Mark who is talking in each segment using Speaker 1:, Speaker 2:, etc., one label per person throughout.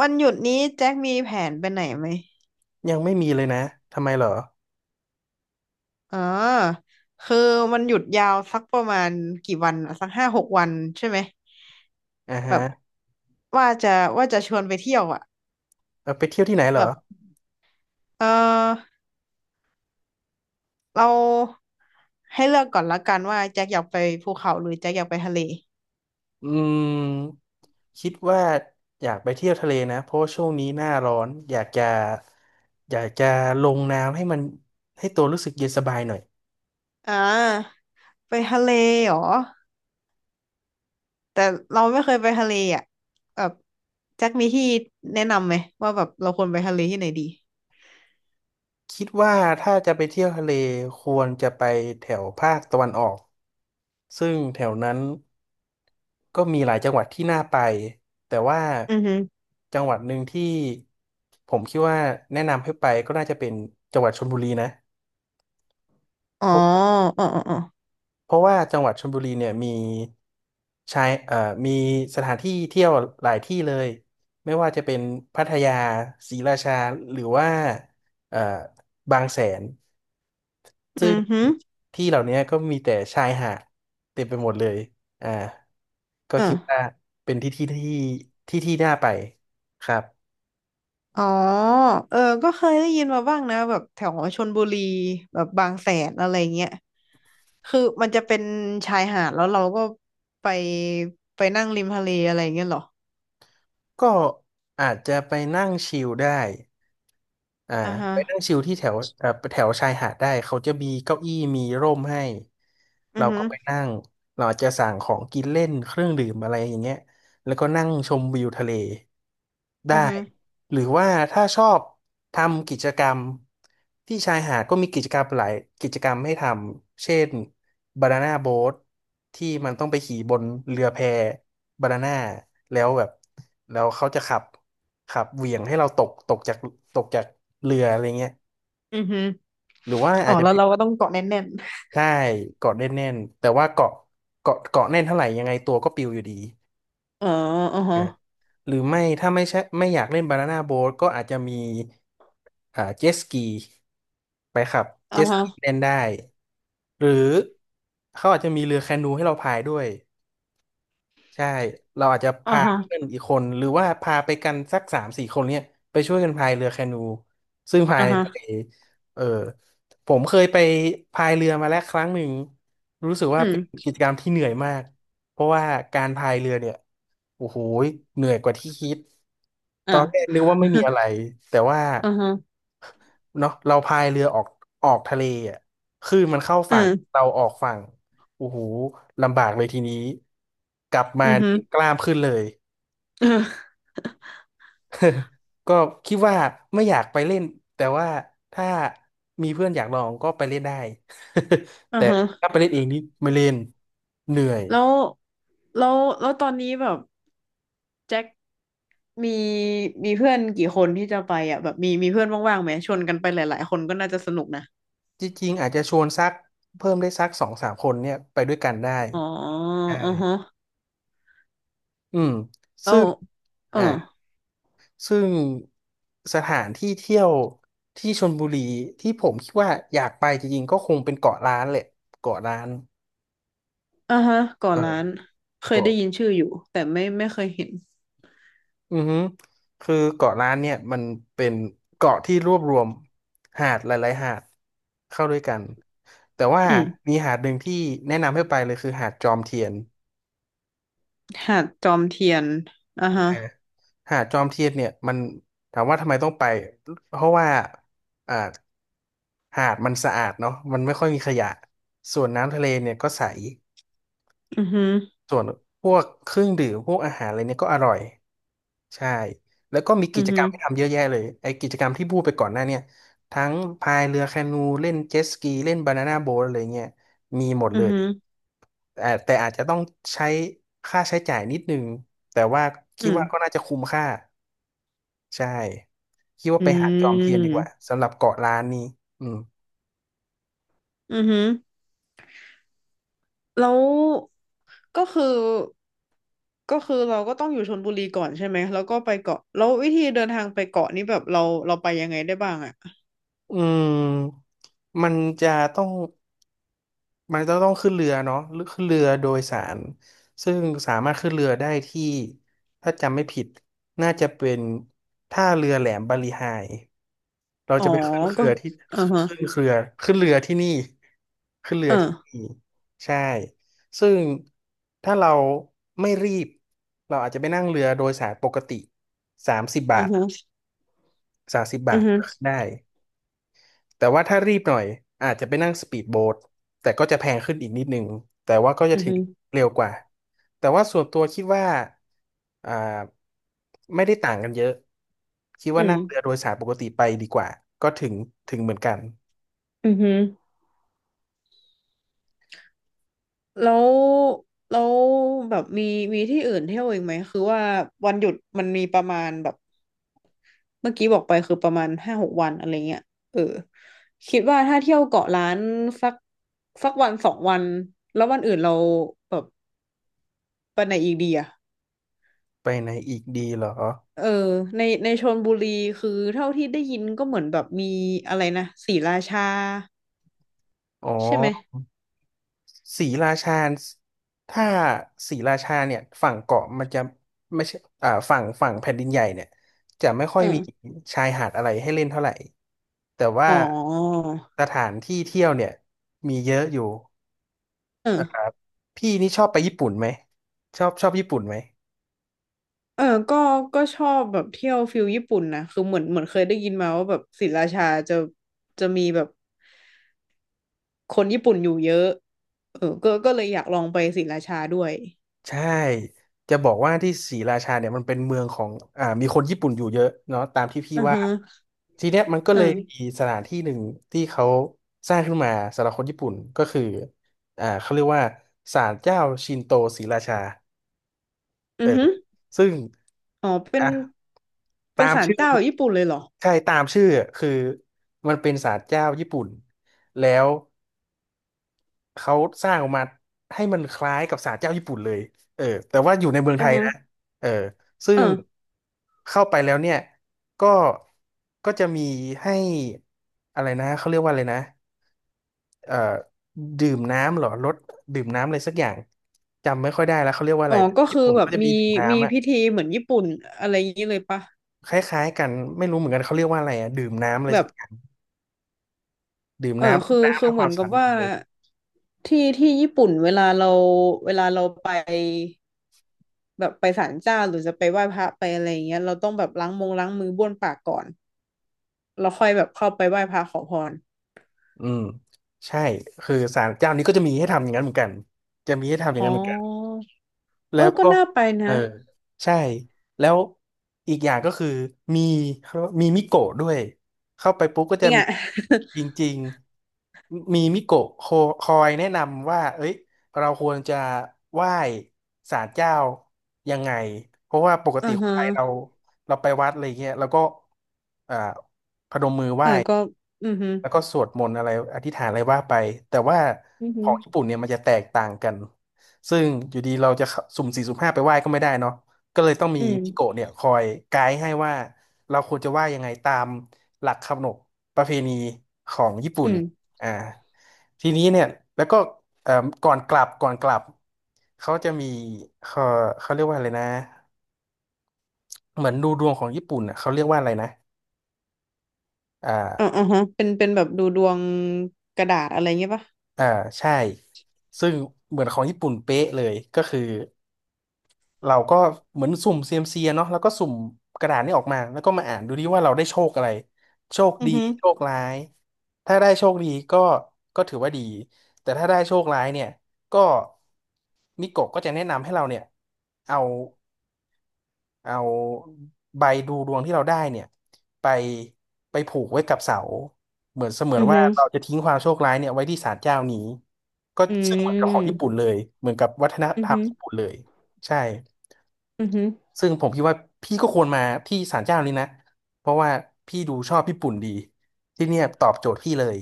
Speaker 1: วันหยุดนี้แจ็คมีแผนไปไหนไหม
Speaker 2: ยังไม่มีเลยนะทำไมเหรอ
Speaker 1: อ๋อคือมันหยุดยาวสักประมาณกี่วันอะสักห้าหกวันใช่ไหม
Speaker 2: อ่า
Speaker 1: แบ
Speaker 2: ฮะ
Speaker 1: บว่าจะว่าจะชวนไปเที่ยวอ่ะ
Speaker 2: เอาไปเที่ยวที่ไหนเหร
Speaker 1: แบ
Speaker 2: อ
Speaker 1: บเออเราให้เลือกก่อนละกันว่าแจ็คอยากไปภูเขาหรือแจ็คอยากไปทะเล
Speaker 2: อืมคิดว่าอยากไปเที่ยวทะเลนะ เพราะว่าช่วงนี้หน้าร้อน อยากจะลงน้ำให้มันให้ตัวรู้สึกเย็นสบายหน่อย
Speaker 1: อ่าไปทะเลเหรอแต่เราไม่เคยไปทะเลอ่ะแบบแจ็คมีที่แนะนำไหมว่าแบบเราควรไปทะเลที่ไหนดี
Speaker 2: คิดว่าถ้าจะไปเที่ยวทะเลควรจะไปแถวภาคตะวันออกซึ่งแถวนั้นก็มีหลายจังหวัดที่น่าไป แต่ว่า
Speaker 1: อือฮึ
Speaker 2: จังหวัดหนึ่งที่ผมคิดว่าแนะนำให้ไปก็น่าจะเป็นจังหวัดชลบุรีนะ
Speaker 1: อ๋อ
Speaker 2: เพราะ
Speaker 1: อ๋ออ๋ออ๋อ
Speaker 2: เพราะว่าจังหวัดชลบุรีเนี่ยมีชายเอ่อมีสถานที่เที่ยวหลายที่เลยไม่ว่าจะเป็นพัทยาศรีราชาหรือว่าเอ่อบางแสน
Speaker 1: อื
Speaker 2: ซึ่ง
Speaker 1: อฮึ
Speaker 2: ที่เหล่านี้ก็มีแต่ชายหาดเต็มไปหมดเลยอ่าก็
Speaker 1: เอ
Speaker 2: คิดว่า
Speaker 1: อ
Speaker 2: เป็นที่ที่น่าไปครับ
Speaker 1: อ๋อเออก็เคยได้ยินมาบ้างนะแบบแถวชลบุรีแบบบางแสนอะไรเงี้ยคือมันจะเป็นชายหาดแล้วเราก็ไปไปนั่งริมทะเลอะไรเงี้ยเหรอ
Speaker 2: ก็อาจจะไปนั่งชิลได้ อ่า
Speaker 1: อ่าฮะ
Speaker 2: ไปนั่งชิลที่แถวแถวชายหาดได้เขาจะมีเก้าอี้มีร่มให้
Speaker 1: อื
Speaker 2: เรา
Speaker 1: อฮึ
Speaker 2: ก็ไปนั่งเราอาจจะสั่งของกินเล่นเครื่องดื่มอะไรอย่างเงี้ยแล้วก็นั่งชมวิวทะเล
Speaker 1: อื
Speaker 2: ได้
Speaker 1: อฮึ
Speaker 2: หรือว่าถ้าชอบทำกิจกรรมที่ชายหาดก็มีกิจกรรมหลายกิจกรรมให้ทำเช่นบานาน่าโบ๊ทที่มันต้องไปขี่บนเรือแพบานาน่าแล้วแบบแล้วเขาจะขับ ครับเหวี่ยงให้เราตกจากเรืออะไรเงี้ย
Speaker 1: อือฮึ
Speaker 2: หรือว่า
Speaker 1: อ๋
Speaker 2: อา
Speaker 1: อ
Speaker 2: จจะ
Speaker 1: แล้ว
Speaker 2: เป็น
Speaker 1: เราก็ต้องเกาะแน่น
Speaker 2: ใช่เกาะแน่นๆแต่ว่าเกาะแน่นเท่าไหร่ยังไงตัวก็ปลิวอยู่ดี
Speaker 1: ๆอ๋ออือฮะ
Speaker 2: อ่ะหรือไม่ถ้าไม่ใช่ไม่อยากเล่นบานาน่าโบ๊ทก็อาจจะมีอ่าเจ็ตสกีไปครับ
Speaker 1: อ่า
Speaker 2: เจ็ตส
Speaker 1: ฮะ
Speaker 2: กีเล่นได้หรือเขาอาจจะมีเรือแคนูให้เราพายด้วย ใช่เราอาจจะ
Speaker 1: อ่า
Speaker 2: พา
Speaker 1: ฮะ
Speaker 2: เพื่อนอีกคนหรือว่าพาไปกันสักสามสี่คนเนี่ยไปช่วยกันพายเรือแคนู ซึ่งพาย
Speaker 1: อ่า
Speaker 2: ใน
Speaker 1: ฮะ
Speaker 2: ทะเลเออผมเคยไปพายเรือมาแล้วครั้งหนึ่งรู้สึก
Speaker 1: อื
Speaker 2: ว่าเป็น
Speaker 1: ม
Speaker 2: กิจกรรมที่เหนื่อยมากเพราะว่าการพายเรือเนี่ยโอ้โหเหนื่อยกว่าที่คิดต
Speaker 1: อ้า
Speaker 2: อน
Speaker 1: ว
Speaker 2: แรกนึกว่าไม่มีอะไรแต่ว่า
Speaker 1: อ่าฮะ
Speaker 2: เนาะเราพายเรือออกทะเลอ่ะคลื่นมันเข้า
Speaker 1: อื
Speaker 2: ฝั่ง
Speaker 1: ม
Speaker 2: เราออกฝั่งโอ้โหลำบากเลยทีนี้กลับมา
Speaker 1: อือฮึ
Speaker 2: นี่ กล้ามขึ้นเลย
Speaker 1: อือ
Speaker 2: ก็คิดว่าไม่อยากไปเล่นแต่ว่าถ้ามีเพื่อนอยากลองก็ไปเล่นได้
Speaker 1: อ
Speaker 2: แต่ถ้า
Speaker 1: ฮะ
Speaker 2: ไปเล่นเองนี่ไม่เล่นเหนื่อย
Speaker 1: แล้วแล้วแล้วตอนนี้แบบแจ็ค มีมีเพื่อนกี่คนที่จะไปอ่ะแบบมีเพื่อนว่างๆไหมชวนกันไปหลายๆคนก็น่าจะสนุกนะ
Speaker 2: จริงๆอาจจะชวนสักเพิ่มได้สักสองสามคนเนี่ยไปด้วยกันได้
Speaker 1: อ๋อ
Speaker 2: ใช่
Speaker 1: อือฮะ
Speaker 2: อืม
Speaker 1: แล้
Speaker 2: ซึ่
Speaker 1: ว
Speaker 2: ง
Speaker 1: เออ
Speaker 2: อ่า ซึ่งสถานที่เที่ยวที่ชลบุรีที่ผมคิดว่าอยากไปจริงๆก็คงเป็นเกาะล้านแหละเกาะล้าน
Speaker 1: อ่าฮะก่อ
Speaker 2: เออ
Speaker 1: ร้านเคยได้
Speaker 2: เกาะ
Speaker 1: ยินชื่ออยู่แต่ไม่เคยเห็น
Speaker 2: อือฮึคือเกาะล้านเนี่ยมันเป็นเกาะที่รวบรวมหาดหลายๆหาดเข้าด้วยกันแต่ว่า
Speaker 1: อืม
Speaker 2: มีหาดหนึ่งที่แนะนำให้ไปเลยคือหาดจอมเทียน
Speaker 1: หาดจอมเทียนอ่า
Speaker 2: นะ
Speaker 1: ฮะ
Speaker 2: ฮะหาดจอมเทียนเนี่ยมันถามว่าทำไมต้องไปเพราะว่าอ่าหาดมันสะอาดเนาะมันไม่ค่อยมีขยะส่วนน้ำทะเลเนี่ยก็ใส
Speaker 1: อือฮึ
Speaker 2: ส่วนพวกเครื่องดื่มพวกอาหารอะไรเนี่ยก็อร่อยใช่แล้วก็มี
Speaker 1: อื
Speaker 2: กิ
Speaker 1: อ
Speaker 2: จก
Speaker 1: ฮึ
Speaker 2: รรมให้ทำเยอะแยะเลยไอ้กิจกรรมที่พูดไปก่อนหน้าเนี่ยทั้งพายเรือแคนูเล่นเจ็ตสกีเล่นบานาน่าโบ๊ทอะไรเงี้ยมีหมด
Speaker 1: อื
Speaker 2: เล
Speaker 1: อ
Speaker 2: ย
Speaker 1: ฮึ
Speaker 2: แต่แต่อาจจะต้องใช้ค่าใช้จ่ายนิดนึงแต่ว่าคิ
Speaker 1: อื
Speaker 2: ด
Speaker 1: ม
Speaker 2: ว่าก็น่าจะคุ้มค่าใช่คิดว่า
Speaker 1: อื
Speaker 2: ไปหาดจอมเทียนดีกว่า
Speaker 1: ม
Speaker 2: สำหรับเกาะล้านนี้อืม
Speaker 1: อือฮึแล้วก็คือก็คือเราก็ต้องอยู่ชลบุรีก่อนใช่ไหมแล้วก็ไปเกาะแล้ววิธีเดินทางไปเกาะนี้แบบเราไปยังไงได้บ้างอ่ะ
Speaker 2: อืมมันจะต้อง มันจะต้องขึ้นเรือเนาะหรือขึ้นเรือโดยสารซึ่งสามารถขึ้นเรือได้ที่ถ้าจำไม่ผิดน่าจะเป็นท่าเรือแหลมบาลีไฮเรา
Speaker 1: อ๋อ
Speaker 2: จะไปขึ้นเค
Speaker 1: ก็
Speaker 2: รือที่
Speaker 1: อ่าฮะ
Speaker 2: ขึ้นเครือขึ้นเรือที่นี่ขึ้นเรือ
Speaker 1: อ่า
Speaker 2: ที่นี่ใช่ซึ่งถ้าเราไม่รีบเราอาจจะไปนั่งเรือโดยสารปกติสามสิบบา
Speaker 1: อ่า
Speaker 2: ท
Speaker 1: ฮะ
Speaker 2: สามสิบ
Speaker 1: อื
Speaker 2: บา
Speaker 1: อ
Speaker 2: ท
Speaker 1: ฮึ
Speaker 2: ก็ขึ้นได้ แต่ว่าถ้ารีบหน่อยอาจจะไปนั่งสปีดโบ๊ทแต่ก็จะแพงขึ้นอีกนิดนึงแต่ว่าก็จะ
Speaker 1: อือ
Speaker 2: ถึง
Speaker 1: ฮึ
Speaker 2: เร็วกว่าแต่ว่าส่วนตัวคิดว่าอ่าไม่ได้ต่างกันเยอะคิด
Speaker 1: อื
Speaker 2: ว่า
Speaker 1: ม
Speaker 2: นั่งเรือโดยสารปกติไปดีกว่าก็ถึงเหมือนกัน
Speaker 1: อือฮึแล้วแล้วแบบมีที่อื่นเที่ยวอีกไหมคือว่าวันหยุดมันมีประมาณแบบเมื่อกี้บอกไปคือประมาณห้าหกวันอะไรเงี้ยเออคิดว่าถ้าเที่ยวเกาะล้านสักสักวันสองวันแล้ววันอื่นเราแบบไปไหนอีกดีอะ
Speaker 2: ไปไหนอีกดีเหรอ
Speaker 1: เออในชลบุรีคือเท่าที่ได้ยินก็เหมือนแบบมีอะไรนะศรีราชา
Speaker 2: อ๋อ
Speaker 1: ใช่ไหม
Speaker 2: ศรีราชาถ้าศรีราชาเนี่ยฝั่งเกาะมันจะไม่ใช่อ่าฝั่งแผ่นดินใหญ่เนี่ยจะไม่ค่อ
Speaker 1: เอ
Speaker 2: ยมี
Speaker 1: อ
Speaker 2: ชายหาดอะไรให้เล่นเท่าไหร่ แต่ว่า
Speaker 1: อ๋อ
Speaker 2: สถานที่เที่ยวเนี่ยมีเยอะอยู่
Speaker 1: เออ
Speaker 2: พี่นี่ชอบไปญี่ปุ่นไหมชอบญี่ปุ่นไหม
Speaker 1: เออก็ก็ชอบแบบเที่ยวฟิลญี่ปุ่นนะคือเหมือนเคยได้ยินมาว่าแบบศรีราชาจะมีแบบคนญี่ปุ่นอยู่เยอะเออก็เลยอยากลองไปศรีราชาด้วย
Speaker 2: ใช่จะบอกว่าที่ศรีราชาเนี่ยมันเป็นเมืองของมีคนญี่ปุ่นอยู่เยอะเนาะตามที่พี่
Speaker 1: อือ
Speaker 2: ว่า
Speaker 1: ฮึ
Speaker 2: ทีเนี้ยมันก็
Speaker 1: เออ
Speaker 2: เลยมีสถานที่หนึ่งที่เขาสร้างขึ้นมาสำหรับคนญี่ปุ่นก็คือเขาเรียกว่าศาลเจ้าชินโตศรีราชาเอ
Speaker 1: อื
Speaker 2: อ
Speaker 1: อฮึ
Speaker 2: ซึ่ง
Speaker 1: อ๋อเป็น
Speaker 2: อ่ะ
Speaker 1: เป็น
Speaker 2: ตาม
Speaker 1: ศาล
Speaker 2: ชื่อ
Speaker 1: เจ้าแบบญี่ปุ่นเลยเหรอ
Speaker 2: ใช่ตามชื่อคือมันเป็นศาลเจ้าญี่ปุ่นแล้ว เขาสร้างออกมาให้มันคล้ายกับศาลเจ้าญี่ปุ่นเลยเออแต่ว่าอยู่ในเมือง
Speaker 1: อื
Speaker 2: ไท
Speaker 1: อ
Speaker 2: ย
Speaker 1: ฮึ
Speaker 2: นะเออซึ่
Speaker 1: เอ
Speaker 2: ง
Speaker 1: อ
Speaker 2: เข้าไปแล้วเนี่ยก็ก็จะมีให้อะไรนะเขาเรียกว่าอะไรนะเอ่อดื่มน้ำเหรอรสดื่มน้ำอะไรสักอย่างจำไม่ค่อยได้แล้วเขาเรียกว่าอะ
Speaker 1: อ๋อ
Speaker 2: ไรแต่
Speaker 1: ก็
Speaker 2: ญี่
Speaker 1: คือ
Speaker 2: ปุ่น
Speaker 1: แบบ
Speaker 2: เขาจะ
Speaker 1: มี
Speaker 2: มีดื่ม
Speaker 1: มี
Speaker 2: น้ำอะ
Speaker 1: พิธีเหมือนญี่ปุ่นอะไรอย่างนี้เลยปะ
Speaker 2: คล้ายๆกันไม่รู้เหมือนกันเขาเรียกว่าอะไรอะดื่มน้ำอะไร
Speaker 1: แบ
Speaker 2: สั
Speaker 1: บ
Speaker 2: กอย่างดื่มน้ำร
Speaker 1: คื
Speaker 2: ด
Speaker 1: อ
Speaker 2: น้ำ
Speaker 1: คือ
Speaker 2: ทำค
Speaker 1: เหมื
Speaker 2: วา
Speaker 1: อ
Speaker 2: ม
Speaker 1: น
Speaker 2: สะ
Speaker 1: กั
Speaker 2: อา
Speaker 1: บ
Speaker 2: ด
Speaker 1: ว่า
Speaker 2: มือ
Speaker 1: ที่ที่ญี่ปุ่นเวลาเราไป แบบไปศาลเจ้าหรือจะไปไหว้พระไปอะไรอย่างเงี้ยเราต้องแบบล้างมงล้างมือบ้วนปากก่อนแล้วค่อยแบบเข้าไปไหว้พระขอพร
Speaker 2: อืมใช่คือศาลเจ้านี้ก็จะมีให้ทำอย่างนั้นเหมือนกันจะมีให้ทำอย่า
Speaker 1: อ๋
Speaker 2: งนั้นเหมือนกัน
Speaker 1: อเอ
Speaker 2: แล้
Speaker 1: อ
Speaker 2: ว
Speaker 1: ก็
Speaker 2: ก็
Speaker 1: น่าไป
Speaker 2: เออ
Speaker 1: นะ
Speaker 2: ใช่ แล้วอีกอย่างก็คือ มีเขาเรียกว่ามีมิโกะด้วย เข้าไปปุ๊บก็
Speaker 1: จ
Speaker 2: จะ
Speaker 1: ริง
Speaker 2: มี
Speaker 1: อ่ะ
Speaker 2: จริงๆมีมิโกะคอยแนะนำว่า เอ้ย เราควรจะไหว้ศาลเจ้ายังไง เพราะว่าปก
Speaker 1: อ่า
Speaker 2: ติคน
Speaker 1: ฮะ
Speaker 2: ไทยเรา เราไปวัดอะไรเงี้ย แล้วก็ อ่าพนม
Speaker 1: เออก็อือฮึ
Speaker 2: แล้วก็สวดมนต์อะไรอธิษฐานอะไรว่าไปแต่ว่า
Speaker 1: อือ
Speaker 2: ข
Speaker 1: ฮึ
Speaker 2: องญี่ปุ่นเนี่ยมันจะแตกต่างกันซึ่งอยู่ดีเราจะเข้าสุ่มสี่สุ่มห้าไปไหว้ก็ไม่ได้เนาะก็เลยต้องมี
Speaker 1: อืม
Speaker 2: พี่โกะเนี่ยคอยไกด์ให้ว่าเราควรจะไหว้ยังไงตามหลักขนบประเพณีของญี่ปุ่
Speaker 1: อื
Speaker 2: น
Speaker 1: ม
Speaker 2: อ่าทีนี้เนี่ยแล้วก็เอ่อก่อนกลับเขาจะมีเขาเขาเรียกว่าอะไรนะเหมือนดูดวงของญี่ปุ่นอ่ะเขาเรียกว่าอะไรนะ
Speaker 1: อ๋ออ่าฮะเป็นเป็นแบบดูดวงกระดาษอะไรเงี้ยปะ
Speaker 2: อ่าใช่ซึ่งเหมือนของญี่ปุ่นเป๊ะเลยก็คือเราก็เหมือนสุ่มเซียมซีเนาะแล้วก็สุ่มกระดาษนี่ออกมาแล้วก็มาอ่านดูดิว่าเราได้โชคอะไรโชค
Speaker 1: อื
Speaker 2: ดี
Speaker 1: อฮึ
Speaker 2: โชคร้ายถ้าได้โชคดีก็ก็ถือว่าดีแต่ถ้าได้โชคร้ายเนี่ยก็มิโกะก็จะแนะนำให้เราเนี่ยเอา เอาใบดูดวงที่เราได้เนี่ยไปไปผูกไว้กับเสาเหมือนเสมือ
Speaker 1: อื
Speaker 2: น
Speaker 1: อ
Speaker 2: ว่า
Speaker 1: ฮึ
Speaker 2: เราจะทิ้งความโชคร้ายเนี่ยไว้ที่ศาลเจ้านี้ก็
Speaker 1: อื
Speaker 2: ซึ่งเหมือนกับของญี่ปุ่
Speaker 1: ม
Speaker 2: นเลยเหมือนกับวัฒน
Speaker 1: อื
Speaker 2: ธ
Speaker 1: อ
Speaker 2: รรม
Speaker 1: ฮึ
Speaker 2: ญี่ปุ่นเลยใช่
Speaker 1: อือฮึ
Speaker 2: ซึ่งผมคิดว่าพี่ก็ควรมาที่ศาลเจ้านี้นะเพราะว่าพี่ดูชอบญี่ปุ่นดีที่เนี่ยตอบโจทย์พี่เลย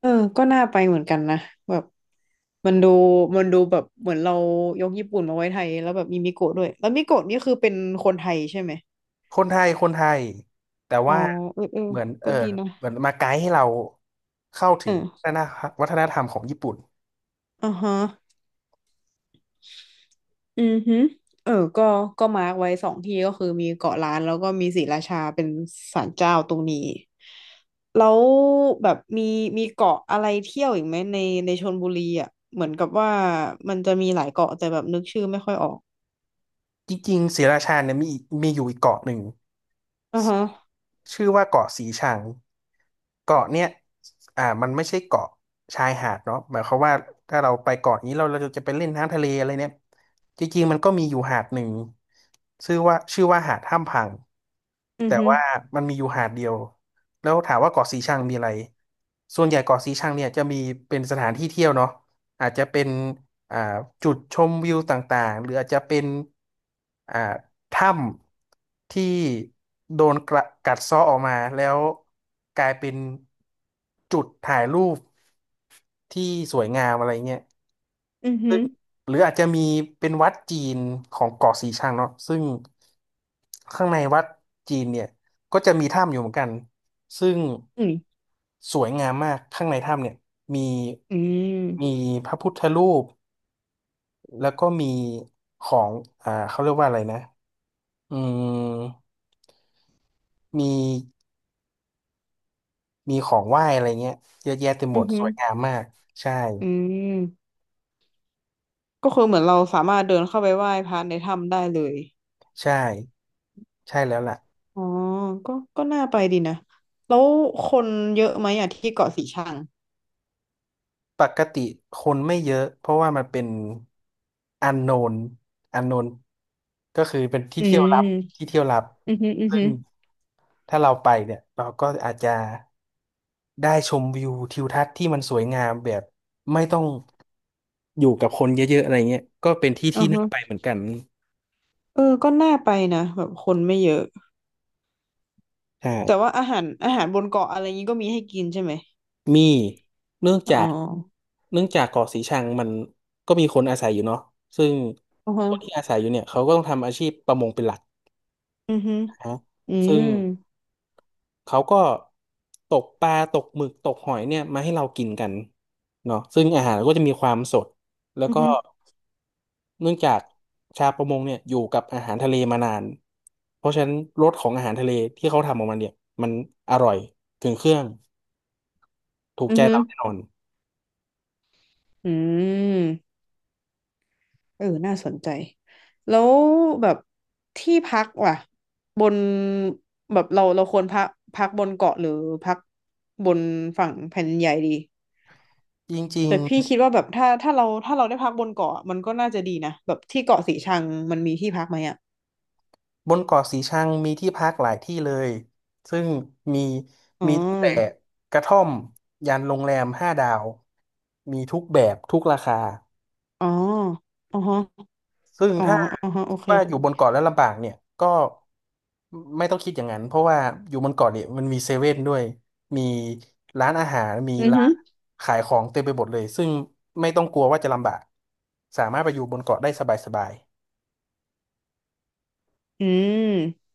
Speaker 1: เออก็น่าไปเหมือนกันนะแบบ มันดูมันดูแบบเหมือนเรายกญี่ปุ่นมาไว้ไทยแล้วแบบมีมิโกะด้วยแล้วมิโกะนี่คือเป็นคนไทยใช่ไหม
Speaker 2: คนไทยคนไทยแต่
Speaker 1: อ๋อ
Speaker 2: ว่า
Speaker 1: เออเออ
Speaker 2: เหมือนเอ
Speaker 1: ก็
Speaker 2: อ
Speaker 1: ดีนะ
Speaker 2: เหมือนมาไกด์ให้เราเข้าถึ
Speaker 1: เอ
Speaker 2: ง
Speaker 1: อ
Speaker 2: วัฒนธรรมของญี่ปุ่น
Speaker 1: อ่าฮะอือฮึเออก็มาร์กไว้สองที่ก็คือมีเกาะล้านแล้วก็มีศรีราชาเป็นศาลเจ้าตรงนี้แล้วแบบมีเกาะอะไรเที่ยวอีกไหมในชลบุรีอ่ะเหมือนกับว่ามันจะมีหลายเกาะแต่แบบนึกชื่อไม่ค่อยออก
Speaker 2: จริงๆศรีราชาเนี่ยมีอยู่อีกเกาะหนึ่ง
Speaker 1: อ่าฮะ
Speaker 2: ชื่อว่าเกาะสีชังเกาะเนี่ยมันไม่ใช่เกาะชายหาดเนาะหมายความว่าถ้าเราไปเกาะนี้เราจะไปเล่นน้ำทะเลอะไรเนี่ยจริงๆมันก็มีอยู่หาดหนึ่งชื่อว่าหาดถ้ำพัง
Speaker 1: อือ
Speaker 2: แต่
Speaker 1: ฮึ
Speaker 2: ว่ามันมีอยู่หาดเดียวแล้วถามว่าเกาะสีชังมีอะไรส่วนใหญ่เกาะสีชังเนี่ยจะมีเป็นสถานที่เที่ยวเนาะอาจจะเป็น อ่าจุดชมวิวต่างๆหรืออาจจะเป็นอ่าถ้ำที่โดนกระกัดเซาะออกมาแล้วกลายเป็นจุดถ่ายรูปที่สวยงามอะไรเงี้ย
Speaker 1: อือฮึ
Speaker 2: ซึ่งหรืออาจจะมีเป็นวัดจีนของเกาะสีชังเนาะซึ่งข้างในวัดจีนเนี่ยก็จะมีถ้ำอยู่เหมือนกันซึ่ง
Speaker 1: อืม
Speaker 2: สวยงามมากข้างในถ้ำเนี่ยมี
Speaker 1: อื
Speaker 2: มี
Speaker 1: ม
Speaker 2: พระพุทธรูป แล้วก็มีของเขาเรียกว่าอะไรนะอืมมีมีของไหว้อะไรเงี้ยเยอะแยะเต็มหม
Speaker 1: อือ
Speaker 2: ด
Speaker 1: ฮึ
Speaker 2: สวยงามมาก ใช่
Speaker 1: อืมก็คือเหมือนเราสามารถเดินเข้าไปไหว้พระในถ้ำได้เลย
Speaker 2: ใช่ ใช่แล้วล่ะ
Speaker 1: อ๋อก็น่าไปดีนะ แล้วคนเยอะไหมอ่ะที่เกาะสีชัง
Speaker 2: ปกติคนไม่เยอะเพราะว่ามันเป็นอันโนนอันโนนก็คือเป็นที่
Speaker 1: อื
Speaker 2: เที่ยวลับ ที่
Speaker 1: ม
Speaker 2: เที่ยวลับ
Speaker 1: อือฮึอือ
Speaker 2: ซึ่ง
Speaker 1: ฮึ
Speaker 2: ถ้าเราไปเนี่ย เราก็อาจจะได้ชมวิวทิวทัศน์ที่มันสวยงามแบบไม่ต้อง อยู่กับคนเยอะๆอะไรเงี้ยก็เป็นที่
Speaker 1: อื
Speaker 2: ที่
Speaker 1: อฮึ
Speaker 2: น่าไปเหมือนกัน
Speaker 1: เออก็น่าไปนะแบบคนไม่เยอะ
Speaker 2: ใช่
Speaker 1: แต่ว่าอาหารบนเกาะอะไรงี้ก็มีให้กินใช่ไหม
Speaker 2: มีเนื่องจา
Speaker 1: อ๋อ
Speaker 2: กเนื่องจากเกาะสีชังมันก็มีคนอาศัยอยู่เนาะซึ่ง
Speaker 1: อือฮะ
Speaker 2: คนที่อาศัยอยู่เนี่ยเขาก็ต้องทำอาชีพประมงเป็นหลัก
Speaker 1: อือฮึ
Speaker 2: นะฮะ
Speaker 1: อื
Speaker 2: ซึ่
Speaker 1: ม
Speaker 2: งเขาก็ตกปลาตกหมึกตกหอยเนี่ยมาให้เรากินกันเนาะซึ่งอาหารก็จะมีความสดแล้ว
Speaker 1: อือ
Speaker 2: ก็
Speaker 1: ฮึ
Speaker 2: เนื่องจากชาวประมงเนี่ยอยู่กับอาหารทะเลมานาน เพราะฉะนั้นรสของอาหารทะเลที่เขาทำออกมาเนี่ยมันอร่อยถึงเครื่องถูก
Speaker 1: อือ
Speaker 2: ใจ
Speaker 1: ฮึ
Speaker 2: เราแน่นอน
Speaker 1: อืม เออน่าสนใจ แล้วแบบที่พักว่ะบนแบบเราควรพักพักบนเกาะหรือพักบนฝั่งแผ่นดินใหญ่ดี
Speaker 2: จริง
Speaker 1: แต่พี่คิดว่าแบบถ้าเราได้พักบนเกาะมันก็น่าจะดีนะแบบที่เกาะสีชังมันมีที่พักไหมอ่ะ
Speaker 2: ๆบนเกาะสีชังมีที่พักหลายที่เลยซึ่งมี
Speaker 1: อ๋อ
Speaker 2: มีตั้งแต่กระท่อมยันโรงแรมห้าดาวมีทุกแบบทุกราคา
Speaker 1: อ๋ออ๋อฮะ
Speaker 2: ซึ่ง
Speaker 1: อ๋อ
Speaker 2: ถ้า
Speaker 1: อ๋อฮะโอ
Speaker 2: คิด
Speaker 1: เค
Speaker 2: ว่าอยู่บนเกาะแล้วลำบากเนี่ยก็ไม่ต้องคิดอย่างนั้นเพราะว่าอยู่บนเกาะเนี่ยมันมีเซเว่นด้วยมีร้านอาหารมี
Speaker 1: อือ
Speaker 2: ร้า
Speaker 1: ฮึ
Speaker 2: นขายของเต็มไปหมดเลยซึ่งไม่ต้องกลัวว่าจะลำบากสามารถไปอยู่บนเกาะได้สบาย
Speaker 1: อืม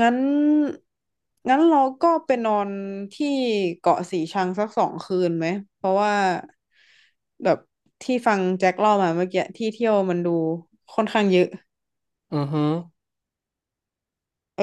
Speaker 1: งั้นงั้นเราก็ไปนอนที่เกาะสีชังสักสองคืนไหมเพราะว่าแบบที่ฟังแจ็คเล่ามาเมื่อกี้ที่เที่ยวมันดูค่อนข้างเยอะ
Speaker 2: ๆอือฮึ
Speaker 1: เออ